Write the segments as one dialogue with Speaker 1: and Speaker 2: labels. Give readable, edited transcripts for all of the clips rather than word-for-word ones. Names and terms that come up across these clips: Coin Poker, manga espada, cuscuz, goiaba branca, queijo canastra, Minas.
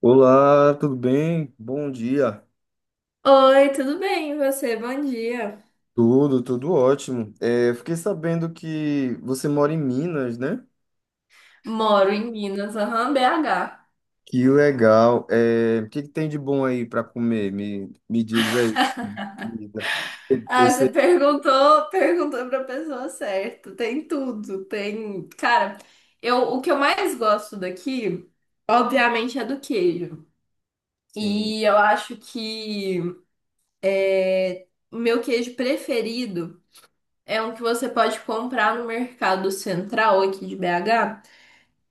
Speaker 1: Olá, tudo bem? Bom dia.
Speaker 2: Oi, tudo bem? E você? Bom dia.
Speaker 1: Tudo ótimo. Eu fiquei sabendo que você mora em Minas, né?
Speaker 2: Moro em Minas, aham, BH.
Speaker 1: Que legal. O que que tem de bom aí para comer? Me diz aí. Comida. Eu
Speaker 2: Ah, você
Speaker 1: sei.
Speaker 2: perguntou, perguntou pra pessoa certa. Tem tudo, tem. Cara, eu, o que eu mais gosto daqui, obviamente, é do queijo.
Speaker 1: Sim.
Speaker 2: E eu acho que o meu queijo preferido é um que você pode comprar no Mercado Central aqui de BH.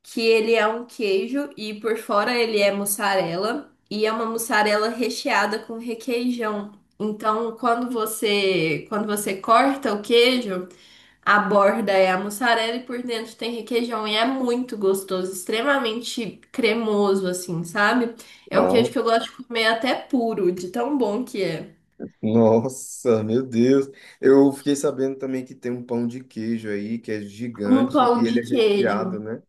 Speaker 2: Que ele é um queijo e por fora ele é mussarela e é uma mussarela recheada com requeijão. Então, quando você corta o queijo, a borda é a mussarela e por dentro tem requeijão e é muito gostoso, extremamente cremoso assim, sabe? É um queijo
Speaker 1: Uau.
Speaker 2: que eu gosto de comer até puro, de tão bom que é.
Speaker 1: Nossa, meu Deus. Eu fiquei sabendo também que tem um pão de queijo aí que é
Speaker 2: Um
Speaker 1: gigante
Speaker 2: pão
Speaker 1: e
Speaker 2: de
Speaker 1: ele é recheado,
Speaker 2: queijo.
Speaker 1: né?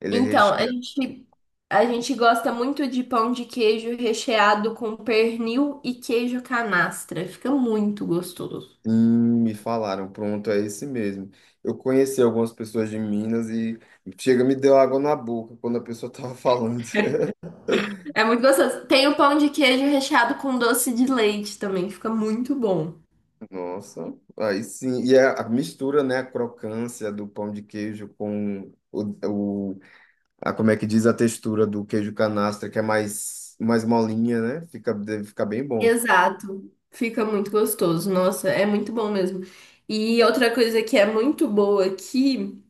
Speaker 1: Ele é
Speaker 2: Então, a
Speaker 1: recheado.
Speaker 2: gente, a gente gosta muito de pão de queijo recheado com pernil e queijo canastra. Fica muito gostoso.
Speaker 1: Me falaram, pronto, é esse mesmo. Eu conheci algumas pessoas de Minas e chega, me deu água na boca quando a pessoa estava falando.
Speaker 2: É muito gostoso. Tem o pão de queijo recheado com doce de leite também. Fica muito bom.
Speaker 1: Nossa, aí sim. E a mistura, né? A crocância do pão de queijo com o a, como é que diz a textura do queijo canastra, que é mais molinha, né? Fica, deve ficar bem bom.
Speaker 2: Exato. Fica muito gostoso. Nossa, é muito bom mesmo. E outra coisa que é muito boa aqui.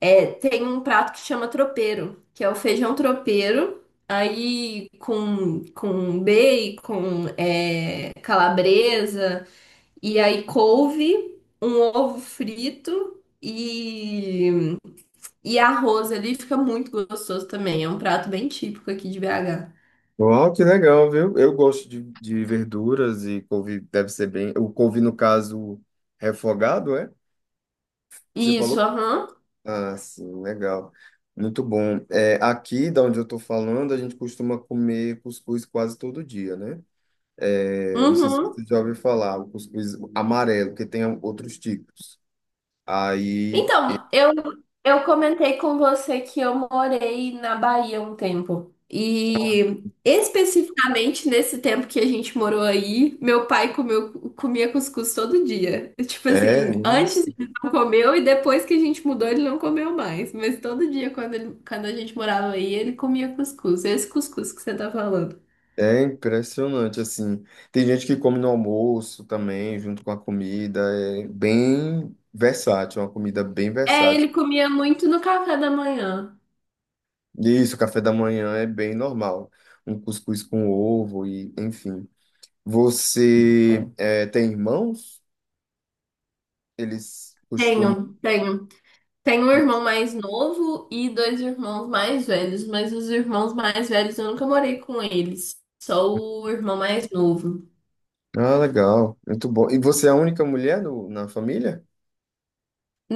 Speaker 2: É, tem um prato que chama tropeiro, que é o feijão tropeiro, aí com bacon, é, calabresa, e aí couve, um ovo frito e arroz ali, fica muito gostoso também. É um prato bem típico aqui de BH.
Speaker 1: Uau, que legal, viu? Eu gosto de verduras e couve deve ser bem. O couve, no caso, refogado, é? Você
Speaker 2: Isso,
Speaker 1: falou?
Speaker 2: aham.
Speaker 1: Ah, sim, legal. Muito bom. É, aqui, da onde eu estou falando, a gente costuma comer cuscuz quase todo dia, né? É, não sei se
Speaker 2: Uhum.
Speaker 1: você já ouviu falar, o cuscuz amarelo, que tem outros tipos. Aí,
Speaker 2: Então, eu comentei com você que eu morei na Bahia um tempo. E especificamente nesse tempo que a gente morou aí, meu pai comeu, comia cuscuz todo dia. Tipo
Speaker 1: é
Speaker 2: assim, antes
Speaker 1: isso.
Speaker 2: ele não comeu e depois que a gente mudou ele não comeu mais. Mas todo dia quando, quando a gente morava aí, ele comia cuscuz. Esse cuscuz que você tá falando.
Speaker 1: É impressionante, assim. Tem gente que come no almoço também, junto com a comida. É bem versátil, é uma comida bem
Speaker 2: É,
Speaker 1: versátil.
Speaker 2: ele comia muito no café da manhã.
Speaker 1: E isso, o café da manhã é bem normal. Um cuscuz com ovo e, enfim. Você é, tem irmãos? Eles costumam.
Speaker 2: Tenho, tenho. Tenho um irmão mais novo e dois irmãos mais velhos, mas os irmãos mais velhos eu nunca morei com eles, só o irmão mais novo.
Speaker 1: Ah, legal, muito bom. E você é a única mulher na família?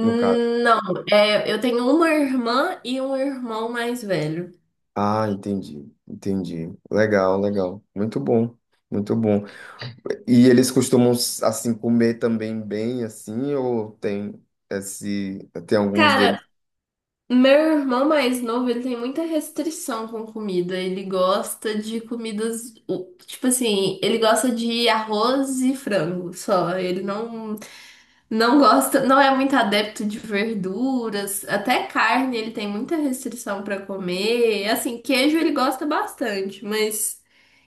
Speaker 1: No caso.
Speaker 2: Não, é, eu tenho uma irmã e um irmão mais velho.
Speaker 1: Ah, entendi, entendi. Legal, legal. Muito bom, muito bom. E eles costumam, assim, comer também bem, assim, ou tem esse. Tem alguns
Speaker 2: Cara,
Speaker 1: deles?
Speaker 2: meu irmão mais novo, ele tem muita restrição com comida. Ele gosta de comidas, tipo assim, ele gosta de arroz e frango só. Ele não, não gosta, não é muito adepto de verduras, até carne ele tem muita restrição para comer. Assim, queijo ele gosta bastante, mas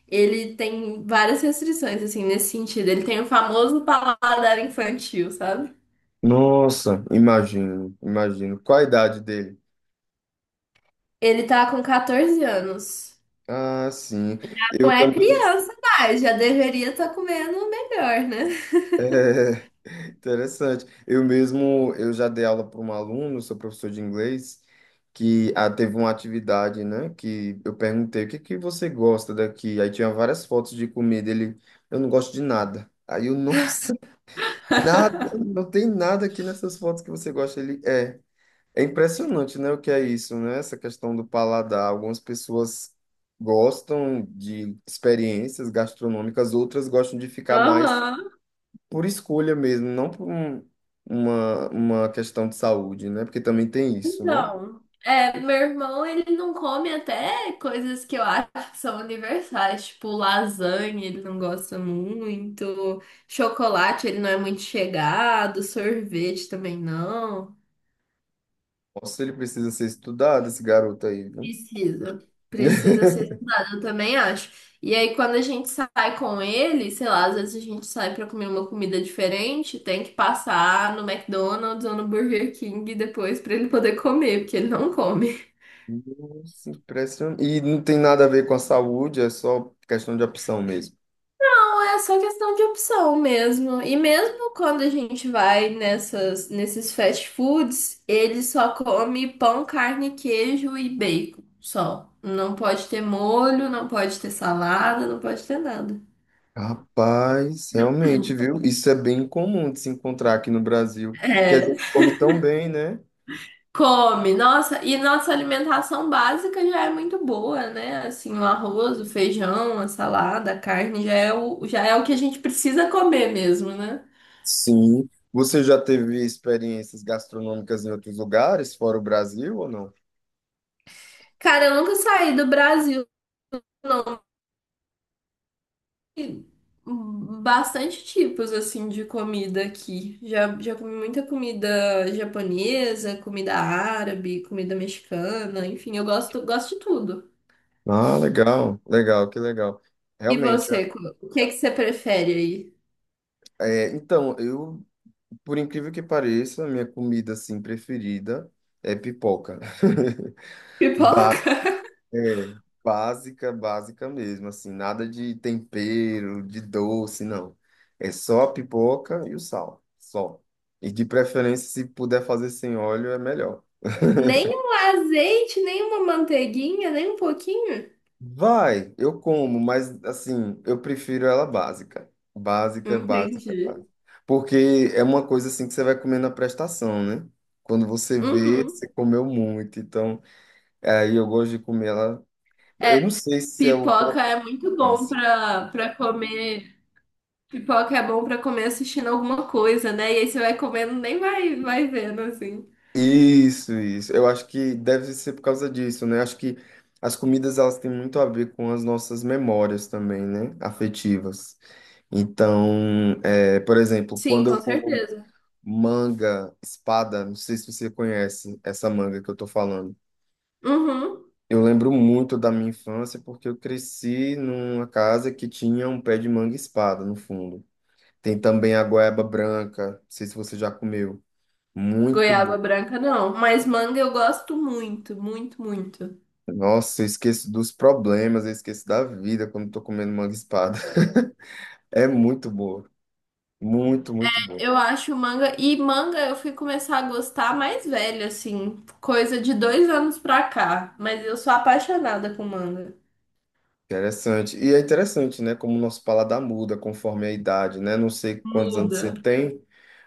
Speaker 2: ele tem várias restrições assim nesse sentido. Ele tem o famoso paladar infantil, sabe?
Speaker 1: Nossa, imagino, imagino. Qual a idade dele?
Speaker 2: Ele tá com 14 anos.
Speaker 1: Ah, sim.
Speaker 2: Não
Speaker 1: Eu
Speaker 2: é
Speaker 1: também.
Speaker 2: criança mais, já deveria estar comendo melhor, né?
Speaker 1: Interessante. Eu mesmo, eu já dei aula para um aluno, sou professor de inglês, que teve uma atividade, né? Que eu perguntei, o que que você gosta daqui? Aí tinha várias fotos de comida. Ele, eu não gosto de nada. Aí eu, nossa, nada, não tem nada aqui nessas fotos que você gosta. Ele, é. É impressionante, né? O que é isso, né? Essa questão do paladar. Algumas pessoas gostam de experiências gastronômicas, outras gostam de ficar mais
Speaker 2: Aham.
Speaker 1: por escolha mesmo, não por uma questão de saúde, né? Porque também tem isso, né?
Speaker 2: Então, é, meu irmão, ele não come até coisas que eu acho que são universais, tipo lasanha, ele não gosta muito, chocolate, ele não é muito chegado, sorvete também não.
Speaker 1: Nossa, ele precisa ser estudado, esse garoto aí, viu?
Speaker 2: Precisa, precisa ser estudado, eu também acho. E aí, quando a gente sai com ele, sei lá, às vezes a gente sai pra comer uma comida diferente, tem que passar no McDonald's ou no Burger King depois pra ele poder comer, porque ele não come.
Speaker 1: Nossa, impressionante. E não tem nada a ver com a saúde, é só questão de opção mesmo.
Speaker 2: É só questão de opção mesmo. E mesmo quando a gente vai nessas, nesses fast foods, ele só come pão, carne, queijo e bacon. Só. Não pode ter molho, não pode ter salada, não pode ter nada.
Speaker 1: Rapaz, realmente, viu? Isso é bem comum de se encontrar aqui no Brasil, porque a
Speaker 2: É.
Speaker 1: gente come tão bem, né?
Speaker 2: Come. Nossa, e nossa alimentação básica já é muito boa, né? Assim, o arroz, o feijão, a salada, a carne já é o que a gente precisa comer mesmo, né?
Speaker 1: Sim. Você já teve experiências gastronômicas em outros lugares, fora o Brasil ou não?
Speaker 2: Cara, eu nunca saí do Brasil. Não. Bastante tipos assim de comida aqui. Já, já comi muita comida japonesa, comida árabe, comida mexicana, enfim, eu gosto, gosto de tudo.
Speaker 1: Ah, legal, legal, que legal.
Speaker 2: E
Speaker 1: Realmente,
Speaker 2: você, o que é que você prefere aí?
Speaker 1: é, então, eu, por incrível que pareça, a minha comida, assim, preferida é pipoca.
Speaker 2: Pipoca?
Speaker 1: É, básica, básica mesmo, assim, nada de tempero, de doce, não. É só a pipoca e o sal, só. E de preferência, se puder fazer sem óleo, é melhor.
Speaker 2: Nem um azeite, nem uma manteiguinha, nem um pouquinho?
Speaker 1: Vai, eu como, mas assim, eu prefiro ela básica. Básica,
Speaker 2: Entendi.
Speaker 1: básica, básica. Porque é uma coisa assim que você vai comer na prestação, né? Quando você vê,
Speaker 2: Uhum.
Speaker 1: você comeu muito. Então, aí eu gosto de comer ela.
Speaker 2: É,
Speaker 1: Eu não sei se é o
Speaker 2: pipoca é muito bom
Speaker 1: crocância.
Speaker 2: pra, pra comer. Pipoca é bom pra comer assistindo alguma coisa, né? E aí você vai comendo, nem vai, vai vendo, assim.
Speaker 1: Isso, isso. Eu acho que deve ser por causa disso, né? Acho que as comidas elas têm muito a ver com as nossas memórias também, né? Afetivas. Então, é, por exemplo,
Speaker 2: Sim,
Speaker 1: quando
Speaker 2: com
Speaker 1: eu como
Speaker 2: certeza.
Speaker 1: manga, espada, não sei se você conhece essa manga que eu tô falando.
Speaker 2: Uhum.
Speaker 1: Eu lembro muito da minha infância porque eu cresci numa casa que tinha um pé de manga e espada no fundo. Tem também a goiaba branca, não sei se você já comeu. Muito bom.
Speaker 2: Goiaba branca não, mas manga eu gosto muito, muito, muito.
Speaker 1: Nossa, eu esqueço dos problemas, eu esqueço da vida quando tô comendo manga e espada. É muito boa. Muito, muito boa.
Speaker 2: Eu acho manga e manga eu fui começar a gostar mais velha, assim, coisa de dois anos pra cá. Mas eu sou apaixonada com manga.
Speaker 1: Interessante. E é interessante, né? Como o nosso paladar muda conforme a idade, né? Não sei quantos anos você
Speaker 2: Muda.
Speaker 1: tem,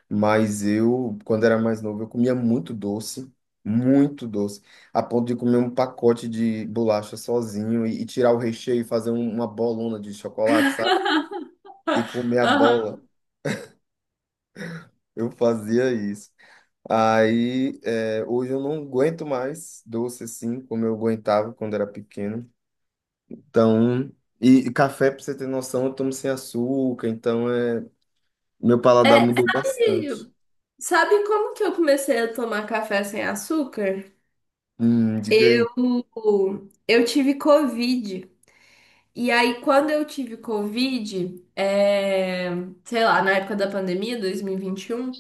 Speaker 1: mas eu, quando era mais novo, eu comia muito doce, a ponto de comer um pacote de bolacha sozinho e tirar o recheio e fazer uma bolona de chocolate, sabe? E comer a
Speaker 2: Aham.
Speaker 1: bola. Eu fazia isso. Aí, é, hoje eu não aguento mais doce assim, como eu aguentava quando era pequeno. Então, e café, pra você ter noção, eu tomo sem açúcar, então é, meu paladar
Speaker 2: É,
Speaker 1: mudou bastante.
Speaker 2: sabe, sabe como que eu comecei a tomar café sem açúcar?
Speaker 1: Diga aí.
Speaker 2: Eu, eu tive Covid. E aí, quando eu tive Covid, é, sei lá, na época da pandemia, 2021,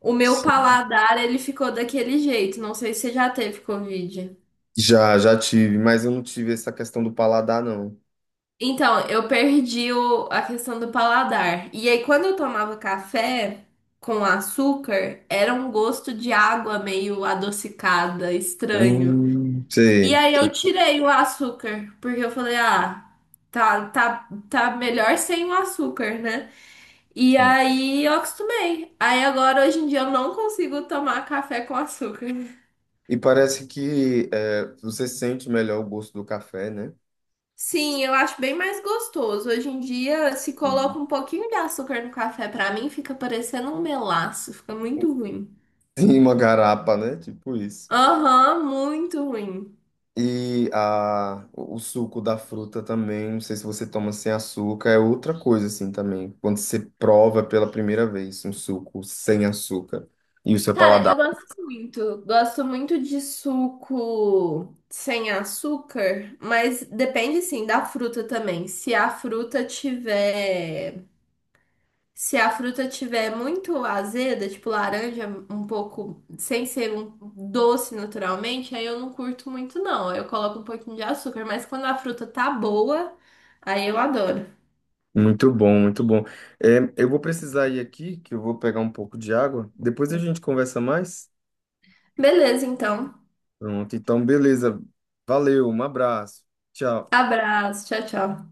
Speaker 2: o meu paladar, ele ficou daquele jeito. Não sei se você já teve Covid.
Speaker 1: Já tive, mas eu não tive essa questão do paladar, não.
Speaker 2: Então, eu perdi a questão do paladar. E aí, quando eu tomava café com açúcar, era um gosto de água meio adocicada, estranho. E
Speaker 1: Sei.
Speaker 2: aí, eu tirei o açúcar, porque eu falei, ah, tá, tá, tá melhor sem o açúcar, né? E
Speaker 1: Sim.
Speaker 2: aí eu acostumei. Aí agora, hoje em dia, eu não consigo tomar café com açúcar.
Speaker 1: E parece que é, você sente melhor o gosto do café, né?
Speaker 2: Sim, eu acho bem mais gostoso. Hoje em dia, se coloca um pouquinho de açúcar no café, pra mim fica parecendo um melaço, fica muito ruim.
Speaker 1: Sim, uma garapa, né? Tipo isso.
Speaker 2: Aham, muito ruim.
Speaker 1: E a, o suco da fruta também, não sei se você toma sem açúcar, é outra coisa assim também. Quando você prova pela primeira vez um suco sem açúcar e o seu
Speaker 2: Cara, eu
Speaker 1: paladar.
Speaker 2: gosto muito. Gosto muito de suco sem açúcar, mas depende sim da fruta também. Se a fruta tiver muito azeda, tipo laranja, um pouco, sem ser um doce naturalmente, aí eu não curto muito, não. Aí eu coloco um pouquinho de açúcar, mas quando a fruta tá boa, aí eu adoro.
Speaker 1: Muito bom, muito bom. É, eu vou precisar ir aqui, que eu vou pegar um pouco de água. Depois a gente conversa mais.
Speaker 2: Beleza, então.
Speaker 1: Pronto, então beleza. Valeu, um abraço. Tchau.
Speaker 2: Abraço, tchau, tchau.